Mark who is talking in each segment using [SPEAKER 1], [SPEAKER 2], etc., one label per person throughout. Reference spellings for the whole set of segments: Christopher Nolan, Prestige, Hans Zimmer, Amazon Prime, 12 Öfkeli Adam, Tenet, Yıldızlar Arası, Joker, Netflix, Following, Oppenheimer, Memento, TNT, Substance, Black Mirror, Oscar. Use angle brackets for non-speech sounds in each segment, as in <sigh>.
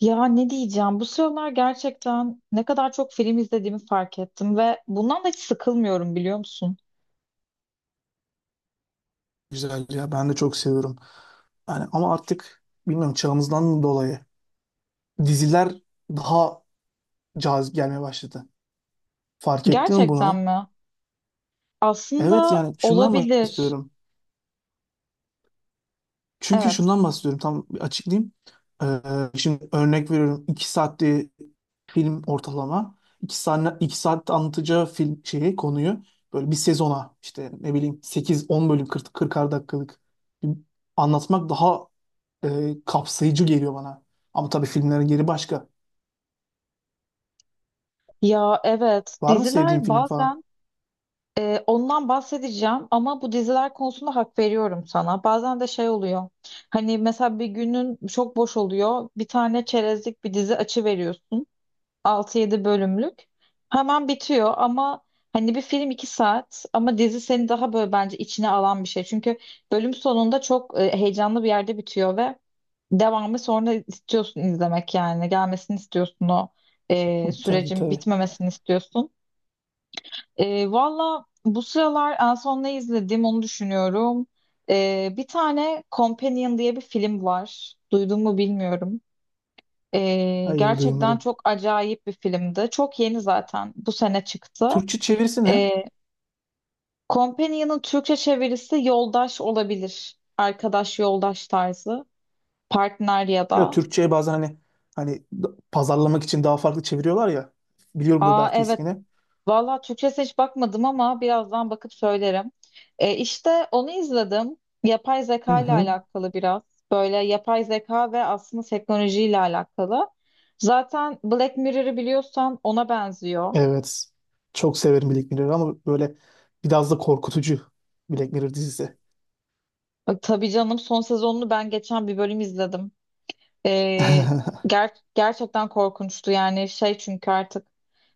[SPEAKER 1] Ya ne diyeceğim? Bu sıralar gerçekten ne kadar çok film izlediğimi fark ettim ve bundan da hiç sıkılmıyorum biliyor musun?
[SPEAKER 2] Güzel ya, ben de çok seviyorum. Yani ama artık bilmiyorum, çağımızdan dolayı diziler daha cazip gelmeye başladı. Fark ettin mi
[SPEAKER 1] Gerçekten
[SPEAKER 2] bunu?
[SPEAKER 1] mi?
[SPEAKER 2] Evet,
[SPEAKER 1] Aslında
[SPEAKER 2] yani şundan
[SPEAKER 1] olabilir.
[SPEAKER 2] bahsediyorum. Çünkü
[SPEAKER 1] Evet.
[SPEAKER 2] şundan bahsediyorum, tam bir açıklayayım. Ee, şimdi örnek veriyorum, 2 saatte film ortalama. İki saat, 2 saat anlatacağı film şeyi, konuyu böyle bir sezona, işte ne bileyim, 8-10 bölüm, 40'ar dakikalık bir anlatmak daha kapsayıcı geliyor bana. Ama tabii filmlerin yeri başka.
[SPEAKER 1] Ya evet.
[SPEAKER 2] Var mı sevdiğin
[SPEAKER 1] Diziler
[SPEAKER 2] film falan?
[SPEAKER 1] bazen ondan bahsedeceğim ama bu diziler konusunda hak veriyorum sana. Bazen de şey oluyor. Hani mesela bir günün çok boş oluyor. Bir tane çerezlik bir dizi açı veriyorsun. Altı yedi bölümlük. Hemen bitiyor ama hani bir film 2 saat ama dizi seni daha böyle bence içine alan bir şey. Çünkü bölüm sonunda çok heyecanlı bir yerde bitiyor ve devamı sonra istiyorsun izlemek yani. Gelmesini istiyorsun, o
[SPEAKER 2] <laughs> Tabii,
[SPEAKER 1] sürecin
[SPEAKER 2] tabii.
[SPEAKER 1] bitmemesini istiyorsun. Valla bu sıralar en son ne izledim onu düşünüyorum. Bir tane Companion diye bir film var. Duydun mu bilmiyorum.
[SPEAKER 2] Hayır,
[SPEAKER 1] Gerçekten
[SPEAKER 2] duymadım.
[SPEAKER 1] çok acayip bir filmdi. Çok yeni zaten. Bu sene çıktı.
[SPEAKER 2] Türkçe çevirisi ne?
[SPEAKER 1] Ee, Companion'ın Türkçe çevirisi yoldaş olabilir. Arkadaş yoldaş tarzı. Partner ya
[SPEAKER 2] Ya
[SPEAKER 1] da.
[SPEAKER 2] Türkçe'ye bazen hani pazarlamak için daha farklı çeviriyorlar ya. Biliyorumdur
[SPEAKER 1] Aa,
[SPEAKER 2] belki
[SPEAKER 1] evet.
[SPEAKER 2] ismini.
[SPEAKER 1] Valla Türkçesine hiç bakmadım ama birazdan bakıp söylerim. İşte onu izledim. Yapay
[SPEAKER 2] Hı
[SPEAKER 1] zeka ile
[SPEAKER 2] hı.
[SPEAKER 1] alakalı biraz. Böyle yapay zeka ve aslında teknolojiyle alakalı. Zaten Black Mirror'ı biliyorsan ona benziyor.
[SPEAKER 2] Evet. Çok severim Black Mirror'ı ama böyle biraz da korkutucu Black Mirror dizisi.
[SPEAKER 1] Tabii canım, son sezonunu ben geçen bir bölüm izledim. E,
[SPEAKER 2] <laughs>
[SPEAKER 1] Gerçekten korkunçtu yani, şey çünkü artık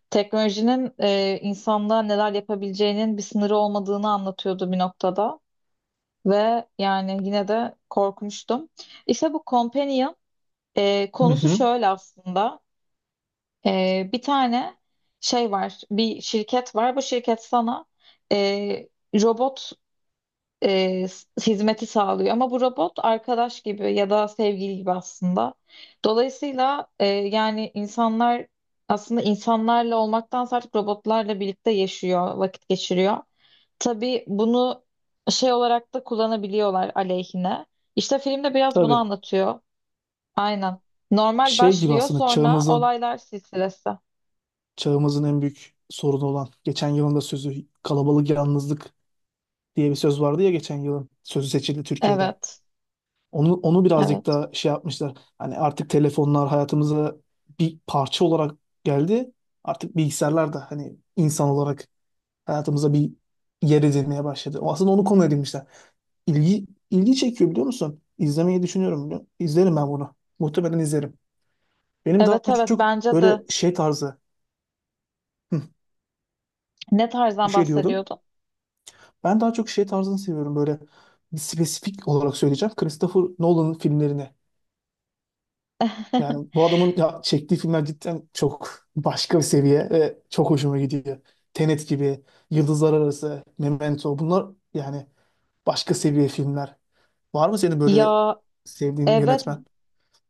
[SPEAKER 1] teknolojinin insanlığa neler yapabileceğinin bir sınırı olmadığını anlatıyordu bir noktada. Ve yani yine de korkmuştum. İşte bu Companion
[SPEAKER 2] Hı
[SPEAKER 1] konusu
[SPEAKER 2] hı.
[SPEAKER 1] şöyle aslında. Bir tane şey var, bir şirket var, bu şirket sana e, robot hizmeti sağlıyor. Ama bu robot arkadaş gibi ya da sevgili gibi aslında. Dolayısıyla yani insanlar aslında insanlarla olmaktansa artık robotlarla birlikte yaşıyor, vakit geçiriyor. Tabii bunu şey olarak da kullanabiliyorlar aleyhine. İşte filmde biraz bunu
[SPEAKER 2] Tabii.
[SPEAKER 1] anlatıyor. Aynen. Normal
[SPEAKER 2] Şey gibi
[SPEAKER 1] başlıyor,
[SPEAKER 2] aslında
[SPEAKER 1] sonra
[SPEAKER 2] çağımızın
[SPEAKER 1] olaylar silsilesi.
[SPEAKER 2] çağımızın en büyük sorunu olan, geçen yılın da sözü, kalabalık yalnızlık diye bir söz vardı ya, geçen yılın sözü seçildi Türkiye'de.
[SPEAKER 1] Evet,
[SPEAKER 2] Onu birazcık
[SPEAKER 1] evet.
[SPEAKER 2] da şey yapmışlar. Hani artık telefonlar hayatımıza bir parça olarak geldi. Artık bilgisayarlar da hani insan olarak hayatımıza bir yer edinmeye başladı. O aslında onu konu edinmişler. İlgi çekiyor biliyor musun? İzlemeyi düşünüyorum biliyor musun? İzlerim ben bunu. Muhtemelen izlerim. Benim daha
[SPEAKER 1] Evet, evet
[SPEAKER 2] çok
[SPEAKER 1] bence
[SPEAKER 2] böyle
[SPEAKER 1] de.
[SPEAKER 2] şey tarzı. Hı,
[SPEAKER 1] Ne
[SPEAKER 2] bir
[SPEAKER 1] tarzdan
[SPEAKER 2] şey diyordun.
[SPEAKER 1] bahsediyordun?
[SPEAKER 2] Ben daha çok şey tarzını seviyorum, böyle bir spesifik olarak söyleyeceğim. Christopher Nolan'ın filmlerini.
[SPEAKER 1] <laughs>
[SPEAKER 2] Yani bu adamın ya, çektiği filmler cidden çok başka bir seviye ve çok hoşuma gidiyor. Tenet gibi, Yıldızlar Arası, Memento, bunlar yani başka seviye filmler. Var mı senin böyle
[SPEAKER 1] Ya
[SPEAKER 2] sevdiğin
[SPEAKER 1] evet,
[SPEAKER 2] yönetmen?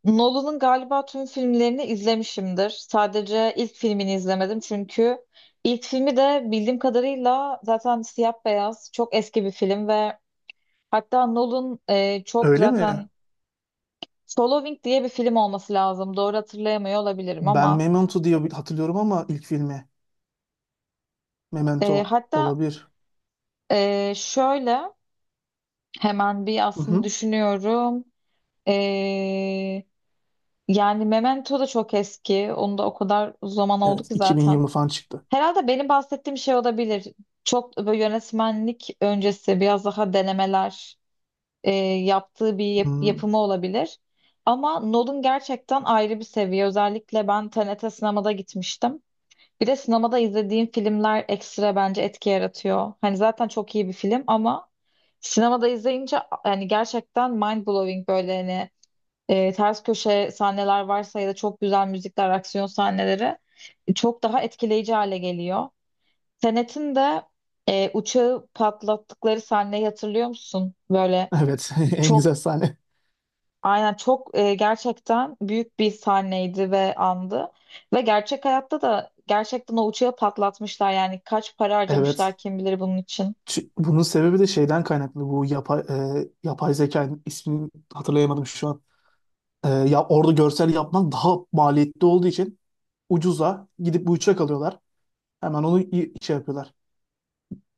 [SPEAKER 1] Nolan'ın galiba tüm filmlerini izlemişimdir. Sadece ilk filmini izlemedim çünkü ilk filmi de bildiğim kadarıyla zaten siyah beyaz çok eski bir film ve hatta Nolan çok
[SPEAKER 2] Öyle mi?
[SPEAKER 1] zaten Following diye bir film olması lazım. Doğru hatırlayamıyor olabilirim
[SPEAKER 2] Ben
[SPEAKER 1] ama
[SPEAKER 2] Memento diye hatırlıyorum ama ilk filmi Memento
[SPEAKER 1] hatta
[SPEAKER 2] olabilir.
[SPEAKER 1] şöyle hemen bir
[SPEAKER 2] Hı
[SPEAKER 1] aslında
[SPEAKER 2] hı.
[SPEAKER 1] düşünüyorum. E, Yani Memento da çok eski. Onu da o kadar zaman oldu
[SPEAKER 2] Evet,
[SPEAKER 1] ki zaten.
[SPEAKER 2] 2020 falan çıktı.
[SPEAKER 1] Herhalde benim bahsettiğim şey olabilir. Çok böyle yönetmenlik öncesi biraz daha denemeler yaptığı bir
[SPEAKER 2] Hmm,
[SPEAKER 1] yapımı olabilir. Ama Nolan gerçekten ayrı bir seviye. Özellikle ben TNT sinemada gitmiştim. Bir de sinemada izlediğim filmler ekstra bence etki yaratıyor. Hani zaten çok iyi bir film ama sinemada izleyince yani gerçekten mind blowing, böyle hani ters köşe sahneler varsa ya da çok güzel müzikler, aksiyon sahneleri çok daha etkileyici hale geliyor. Senet'in de uçağı patlattıkları sahneyi hatırlıyor musun? Böyle
[SPEAKER 2] evet. <laughs> En
[SPEAKER 1] çok
[SPEAKER 2] güzel sahne.
[SPEAKER 1] aynen çok gerçekten büyük bir sahneydi ve andı. Ve gerçek hayatta da gerçekten o uçağı patlatmışlar. Yani kaç para
[SPEAKER 2] Evet.
[SPEAKER 1] harcamışlar kim bilir bunun için.
[SPEAKER 2] Bunun sebebi de şeyden kaynaklı. Bu yapay zeka ismini hatırlayamadım şu an. Ya orada görsel yapmak daha maliyetli olduğu için ucuza gidip bu uçak alıyorlar. Hemen onu şey yapıyorlar.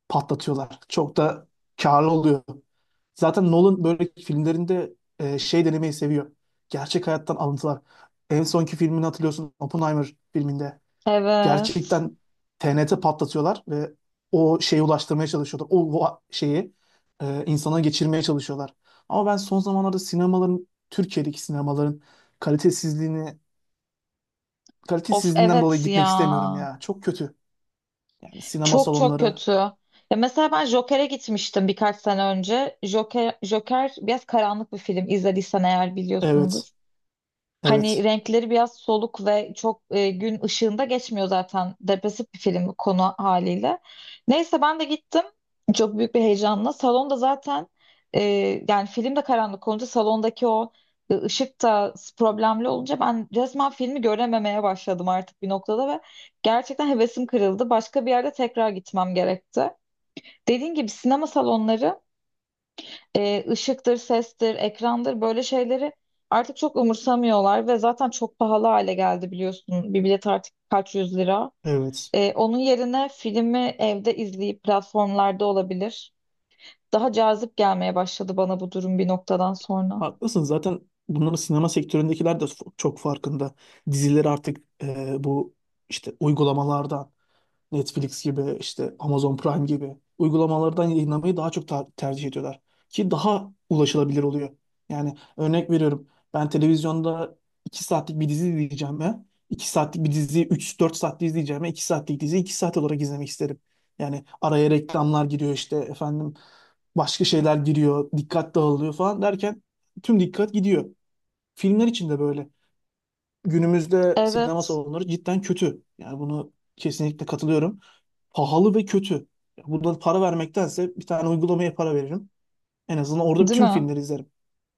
[SPEAKER 2] Patlatıyorlar. Çok da karlı oluyor. Zaten Nolan böyle filmlerinde şey denemeyi seviyor. Gerçek hayattan alıntılar. En sonki filmini hatırlıyorsun. Oppenheimer filminde
[SPEAKER 1] Evet.
[SPEAKER 2] gerçekten TNT patlatıyorlar ve o şeyi ulaştırmaya çalışıyorlar. O şeyi insana geçirmeye çalışıyorlar. Ama ben son zamanlarda sinemaların, Türkiye'deki sinemaların kalitesizliğini,
[SPEAKER 1] Of,
[SPEAKER 2] kalitesizliğinden dolayı
[SPEAKER 1] evet
[SPEAKER 2] gitmek
[SPEAKER 1] ya.
[SPEAKER 2] istemiyorum ya. Çok kötü. Yani sinema
[SPEAKER 1] Çok çok
[SPEAKER 2] salonları.
[SPEAKER 1] kötü. Ya mesela ben Joker'e gitmiştim birkaç sene önce. Joker, Joker biraz karanlık bir film. İzlediysen eğer biliyorsundur.
[SPEAKER 2] Evet,
[SPEAKER 1] Hani
[SPEAKER 2] evet,
[SPEAKER 1] renkleri biraz soluk ve çok gün ışığında geçmiyor zaten. Depresif bir film bu konu haliyle. Neyse ben de gittim. Çok büyük bir heyecanla. Salonda zaten e, yani film de karanlık olunca salondaki o ışık da problemli olunca ben resmen filmi görememeye başladım artık bir noktada ve gerçekten hevesim kırıldı. Başka bir yerde tekrar gitmem gerekti. Dediğin gibi sinema salonları ışıktır, sestir, ekrandır, böyle şeyleri artık çok umursamıyorlar ve zaten çok pahalı hale geldi biliyorsun. Bir bilet artık kaç yüz lira.
[SPEAKER 2] evet.
[SPEAKER 1] Onun yerine filmi evde izleyip platformlarda olabilir. Daha cazip gelmeye başladı bana bu durum bir noktadan sonra.
[SPEAKER 2] Haklısın, zaten bunların, sinema sektöründekiler de çok farkında. Dizileri artık bu işte uygulamalardan, Netflix gibi, işte Amazon Prime gibi uygulamalardan yayınlamayı daha çok tercih ediyorlar. Ki daha ulaşılabilir oluyor. Yani örnek veriyorum, ben televizyonda 2 saatlik bir dizi izleyeceğime, 2 saatlik bir diziyi 3-4 saatte izleyeceğime, 2 saatlik diziyi 2 saat olarak izlemek isterim. Yani araya reklamlar giriyor, işte efendim başka şeyler giriyor, dikkat dağılıyor falan derken tüm dikkat gidiyor. Filmler için de böyle. Günümüzde sinema
[SPEAKER 1] Evet.
[SPEAKER 2] salonları cidden kötü. Yani bunu kesinlikle katılıyorum, pahalı ve kötü. Bundan para vermektense bir tane uygulamaya para veririm. En azından orada
[SPEAKER 1] Değil
[SPEAKER 2] tüm
[SPEAKER 1] mi?
[SPEAKER 2] filmleri izlerim.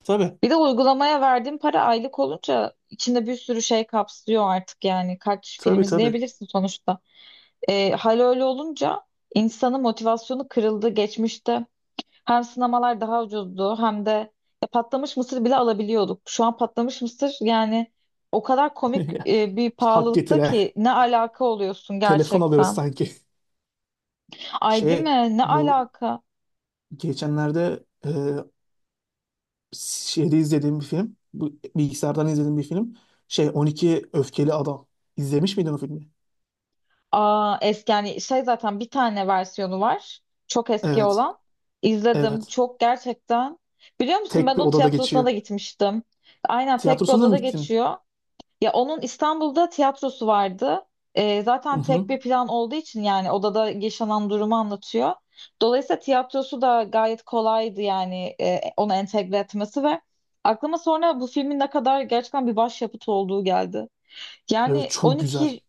[SPEAKER 2] Tabii.
[SPEAKER 1] Bir de uygulamaya verdiğin para aylık olunca içinde bir sürü şey kapsıyor artık yani. Kaç film
[SPEAKER 2] Tabii, tabii.
[SPEAKER 1] izleyebilirsin sonuçta. Hal öyle olunca insanın motivasyonu kırıldı geçmişte. Hem sinemalar daha ucuzdu hem de ya patlamış mısır bile alabiliyorduk. Şu an patlamış mısır yani o kadar komik
[SPEAKER 2] <laughs>
[SPEAKER 1] bir
[SPEAKER 2] Hak
[SPEAKER 1] pahalılıkta
[SPEAKER 2] getire.
[SPEAKER 1] ki ne alaka oluyorsun
[SPEAKER 2] Telefon alıyoruz
[SPEAKER 1] gerçekten.
[SPEAKER 2] sanki.
[SPEAKER 1] Ay, değil
[SPEAKER 2] Şey,
[SPEAKER 1] mi? Ne
[SPEAKER 2] bu
[SPEAKER 1] alaka?
[SPEAKER 2] geçenlerde, şeyde izlediğim bir film. Bu bilgisayardan izlediğim bir film. Şey, 12 Öfkeli Adam. İzlemiş miydin o filmi?
[SPEAKER 1] Aa, eski yani şey zaten bir tane versiyonu var. Çok eski
[SPEAKER 2] Evet.
[SPEAKER 1] olan. İzledim.
[SPEAKER 2] Evet.
[SPEAKER 1] Çok gerçekten. Biliyor musun ben
[SPEAKER 2] Tek bir
[SPEAKER 1] onun
[SPEAKER 2] odada
[SPEAKER 1] tiyatrosuna da
[SPEAKER 2] geçiyor.
[SPEAKER 1] gitmiştim. Aynen, tek bir
[SPEAKER 2] Tiyatrosuna mı
[SPEAKER 1] odada
[SPEAKER 2] gittin?
[SPEAKER 1] geçiyor. Ya onun İstanbul'da tiyatrosu vardı.
[SPEAKER 2] Hı
[SPEAKER 1] Zaten
[SPEAKER 2] hı.
[SPEAKER 1] tek bir plan olduğu için yani odada yaşanan durumu anlatıyor. Dolayısıyla tiyatrosu da gayet kolaydı yani onu entegre etmesi ve aklıma sonra bu filmin ne kadar gerçekten bir başyapıt olduğu geldi.
[SPEAKER 2] Evet,
[SPEAKER 1] Yani
[SPEAKER 2] çok güzel.
[SPEAKER 1] 12.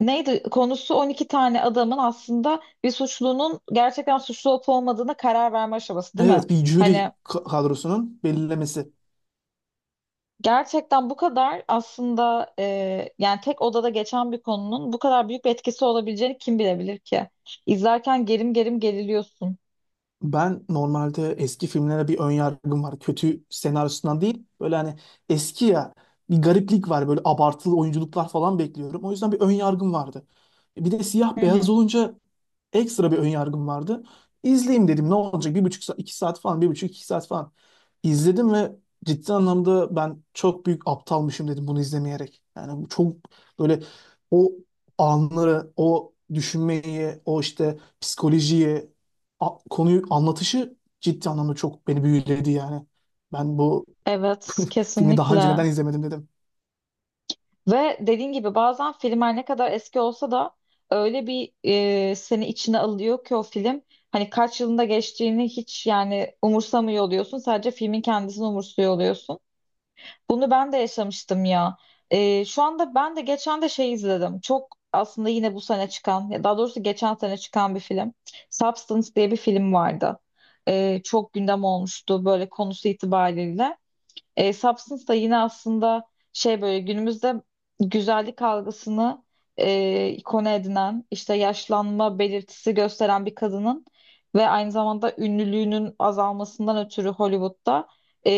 [SPEAKER 1] Neydi konusu, 12 tane adamın aslında bir suçlunun gerçekten suçlu olup olmadığına karar verme aşaması değil mi?
[SPEAKER 2] Evet, bir jüri
[SPEAKER 1] Hani
[SPEAKER 2] kadrosunun belirlemesi.
[SPEAKER 1] gerçekten bu kadar aslında yani tek odada geçen bir konunun bu kadar büyük bir etkisi olabileceğini kim bilebilir ki? İzlerken gerim gerim geriliyorsun.
[SPEAKER 2] Ben normalde eski filmlere bir ön yargım var. Kötü senaryosundan değil. Böyle hani eski ya, bir gariplik var. Böyle abartılı oyunculuklar falan bekliyorum. O yüzden bir ön yargım vardı. Bir de
[SPEAKER 1] Hı
[SPEAKER 2] siyah beyaz
[SPEAKER 1] hı.
[SPEAKER 2] olunca ekstra bir ön yargım vardı. İzleyeyim dedim, ne olacak, bir buçuk saat, iki saat falan, bir buçuk iki saat falan. İzledim ve ciddi anlamda ben çok büyük aptalmışım dedim bunu izlemeyerek. Yani bu çok böyle o anları, o düşünmeyi, o işte psikolojiyi, konuyu anlatışı ciddi anlamda çok beni büyüledi yani. Ben bu
[SPEAKER 1] Evet,
[SPEAKER 2] <laughs> filmi daha önce neden
[SPEAKER 1] kesinlikle.
[SPEAKER 2] izlemedim dedim.
[SPEAKER 1] Ve dediğin gibi bazen filmler ne kadar eski olsa da öyle bir seni içine alıyor ki o film. Hani kaç yılında geçtiğini hiç yani umursamıyor oluyorsun. Sadece filmin kendisini umursuyor oluyorsun. Bunu ben de yaşamıştım ya. Şu anda ben de geçen de şey izledim. Çok aslında yine bu sene çıkan, ya daha doğrusu geçen sene çıkan bir film. Substance diye bir film vardı. Çok gündem olmuştu böyle konusu itibariyle. Substance da yine aslında şey böyle günümüzde güzellik algısını konu edinen işte yaşlanma belirtisi gösteren bir kadının ve aynı zamanda ünlülüğünün azalmasından ötürü Hollywood'da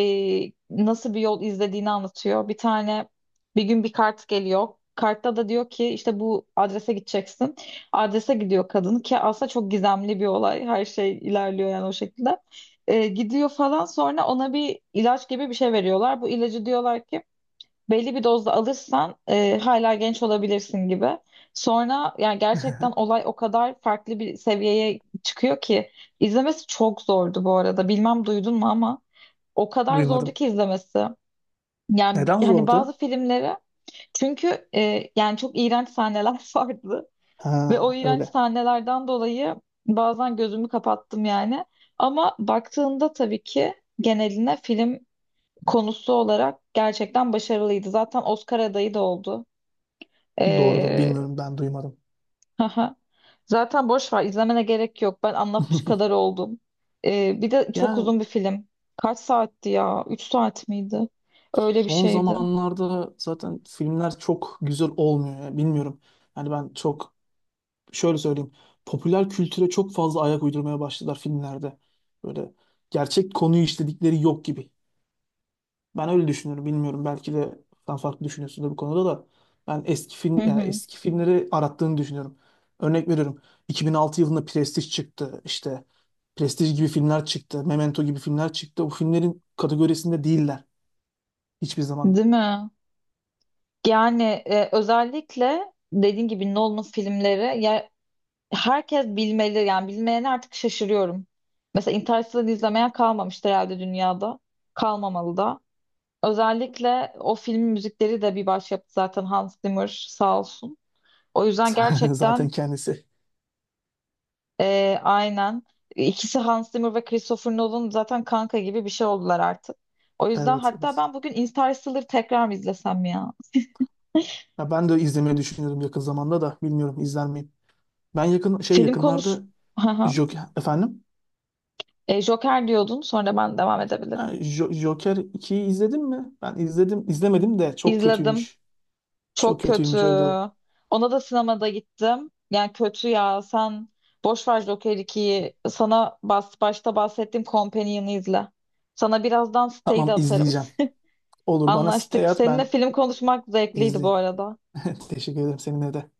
[SPEAKER 1] nasıl bir yol izlediğini anlatıyor. Bir tane bir gün bir kart geliyor. Kartta da diyor ki işte bu adrese gideceksin. Adrese gidiyor kadın ki aslında çok gizemli bir olay. Her şey ilerliyor yani o şekilde. Gidiyor falan, sonra ona bir ilaç gibi bir şey veriyorlar. Bu ilacı diyorlar ki belli bir dozda alırsan hala genç olabilirsin gibi. Sonra yani gerçekten
[SPEAKER 2] <laughs>
[SPEAKER 1] olay o kadar farklı bir seviyeye çıkıyor ki izlemesi çok zordu bu arada. Bilmem duydun mu ama o kadar zordu
[SPEAKER 2] Duymadım.
[SPEAKER 1] ki izlemesi. Yani
[SPEAKER 2] Neden
[SPEAKER 1] hani bazı
[SPEAKER 2] zordu?
[SPEAKER 1] filmleri, çünkü yani çok iğrenç sahneler <laughs> vardı. Ve
[SPEAKER 2] Ha,
[SPEAKER 1] o iğrenç
[SPEAKER 2] öyle.
[SPEAKER 1] sahnelerden dolayı bazen gözümü kapattım yani. Ama baktığında tabii ki geneline film konusu olarak gerçekten başarılıydı. Zaten Oscar adayı da oldu.
[SPEAKER 2] Doğrudur,
[SPEAKER 1] Ee,
[SPEAKER 2] bilmiyorum, ben duymadım.
[SPEAKER 1] <laughs> haha. Zaten boş ver, izlemene gerek yok. Ben anlatmış kadar
[SPEAKER 2] <laughs>
[SPEAKER 1] oldum. Bir de çok
[SPEAKER 2] Yani
[SPEAKER 1] uzun bir film. Kaç saatti ya? 3 saat miydi? Öyle bir
[SPEAKER 2] son
[SPEAKER 1] şeydi.
[SPEAKER 2] zamanlarda zaten filmler çok güzel olmuyor ya, bilmiyorum. Yani ben çok, şöyle söyleyeyim. Popüler kültüre çok fazla ayak uydurmaya başladılar filmlerde. Böyle gerçek konuyu işledikleri yok gibi. Ben öyle düşünüyorum. Bilmiyorum, belki de sen farklı düşünüyorsun da bu konuda da. Ben eski
[SPEAKER 1] Hı
[SPEAKER 2] film, yani
[SPEAKER 1] hı.
[SPEAKER 2] eski filmleri arattığını düşünüyorum. Örnek veriyorum. 2006 yılında Prestige çıktı. İşte Prestige gibi filmler çıktı, Memento gibi filmler çıktı. Bu filmlerin kategorisinde değiller hiçbir zaman.
[SPEAKER 1] Değil mi? Yani özellikle dediğin gibi Nolan'ın filmleri ya herkes bilmeli. Yani bilmeyene artık şaşırıyorum. Mesela Interstellar'ı izlemeyen kalmamıştı herhalde dünyada. Kalmamalı da. Özellikle o filmin müzikleri de bir başyapıt, zaten Hans Zimmer sağ olsun. O yüzden
[SPEAKER 2] <laughs> Zaten
[SPEAKER 1] gerçekten
[SPEAKER 2] kendisi.
[SPEAKER 1] aynen. İkisi Hans Zimmer ve Christopher Nolan zaten kanka gibi bir şey oldular artık. O yüzden
[SPEAKER 2] Evet,
[SPEAKER 1] hatta
[SPEAKER 2] evet.
[SPEAKER 1] ben bugün Interstellar'ı tekrar mı izlesem ya?
[SPEAKER 2] Ya ben de izlemeyi düşünüyorum yakın zamanda, da bilmiyorum izler miyim. Ben yakın şey,
[SPEAKER 1] Film konuş...
[SPEAKER 2] yakınlarda
[SPEAKER 1] <laughs> Hı hı.
[SPEAKER 2] Joker, efendim
[SPEAKER 1] Joker diyordun, sonra ben devam
[SPEAKER 2] ha,
[SPEAKER 1] edebilirim.
[SPEAKER 2] Joker 2'yi izledin mi? Ben izledim, izlemedim de çok
[SPEAKER 1] İzledim.
[SPEAKER 2] kötüymüş. Çok
[SPEAKER 1] Çok kötü.
[SPEAKER 2] kötüymüş, öyle diyorlar.
[SPEAKER 1] Ona da sinemada gittim. Yani kötü ya. Sen boş ver Joker 2'yi. Sana bas, başta bahsettiğim Companion'ı izle. Sana birazdan siteyi de
[SPEAKER 2] Tamam,
[SPEAKER 1] atarım.
[SPEAKER 2] izleyeceğim.
[SPEAKER 1] <laughs>
[SPEAKER 2] Olur, bana siteye
[SPEAKER 1] Anlaştık.
[SPEAKER 2] at,
[SPEAKER 1] Seninle
[SPEAKER 2] ben
[SPEAKER 1] film konuşmak zevkliydi bu
[SPEAKER 2] izleyeyim.
[SPEAKER 1] arada.
[SPEAKER 2] <laughs> Teşekkür ederim, seninle de.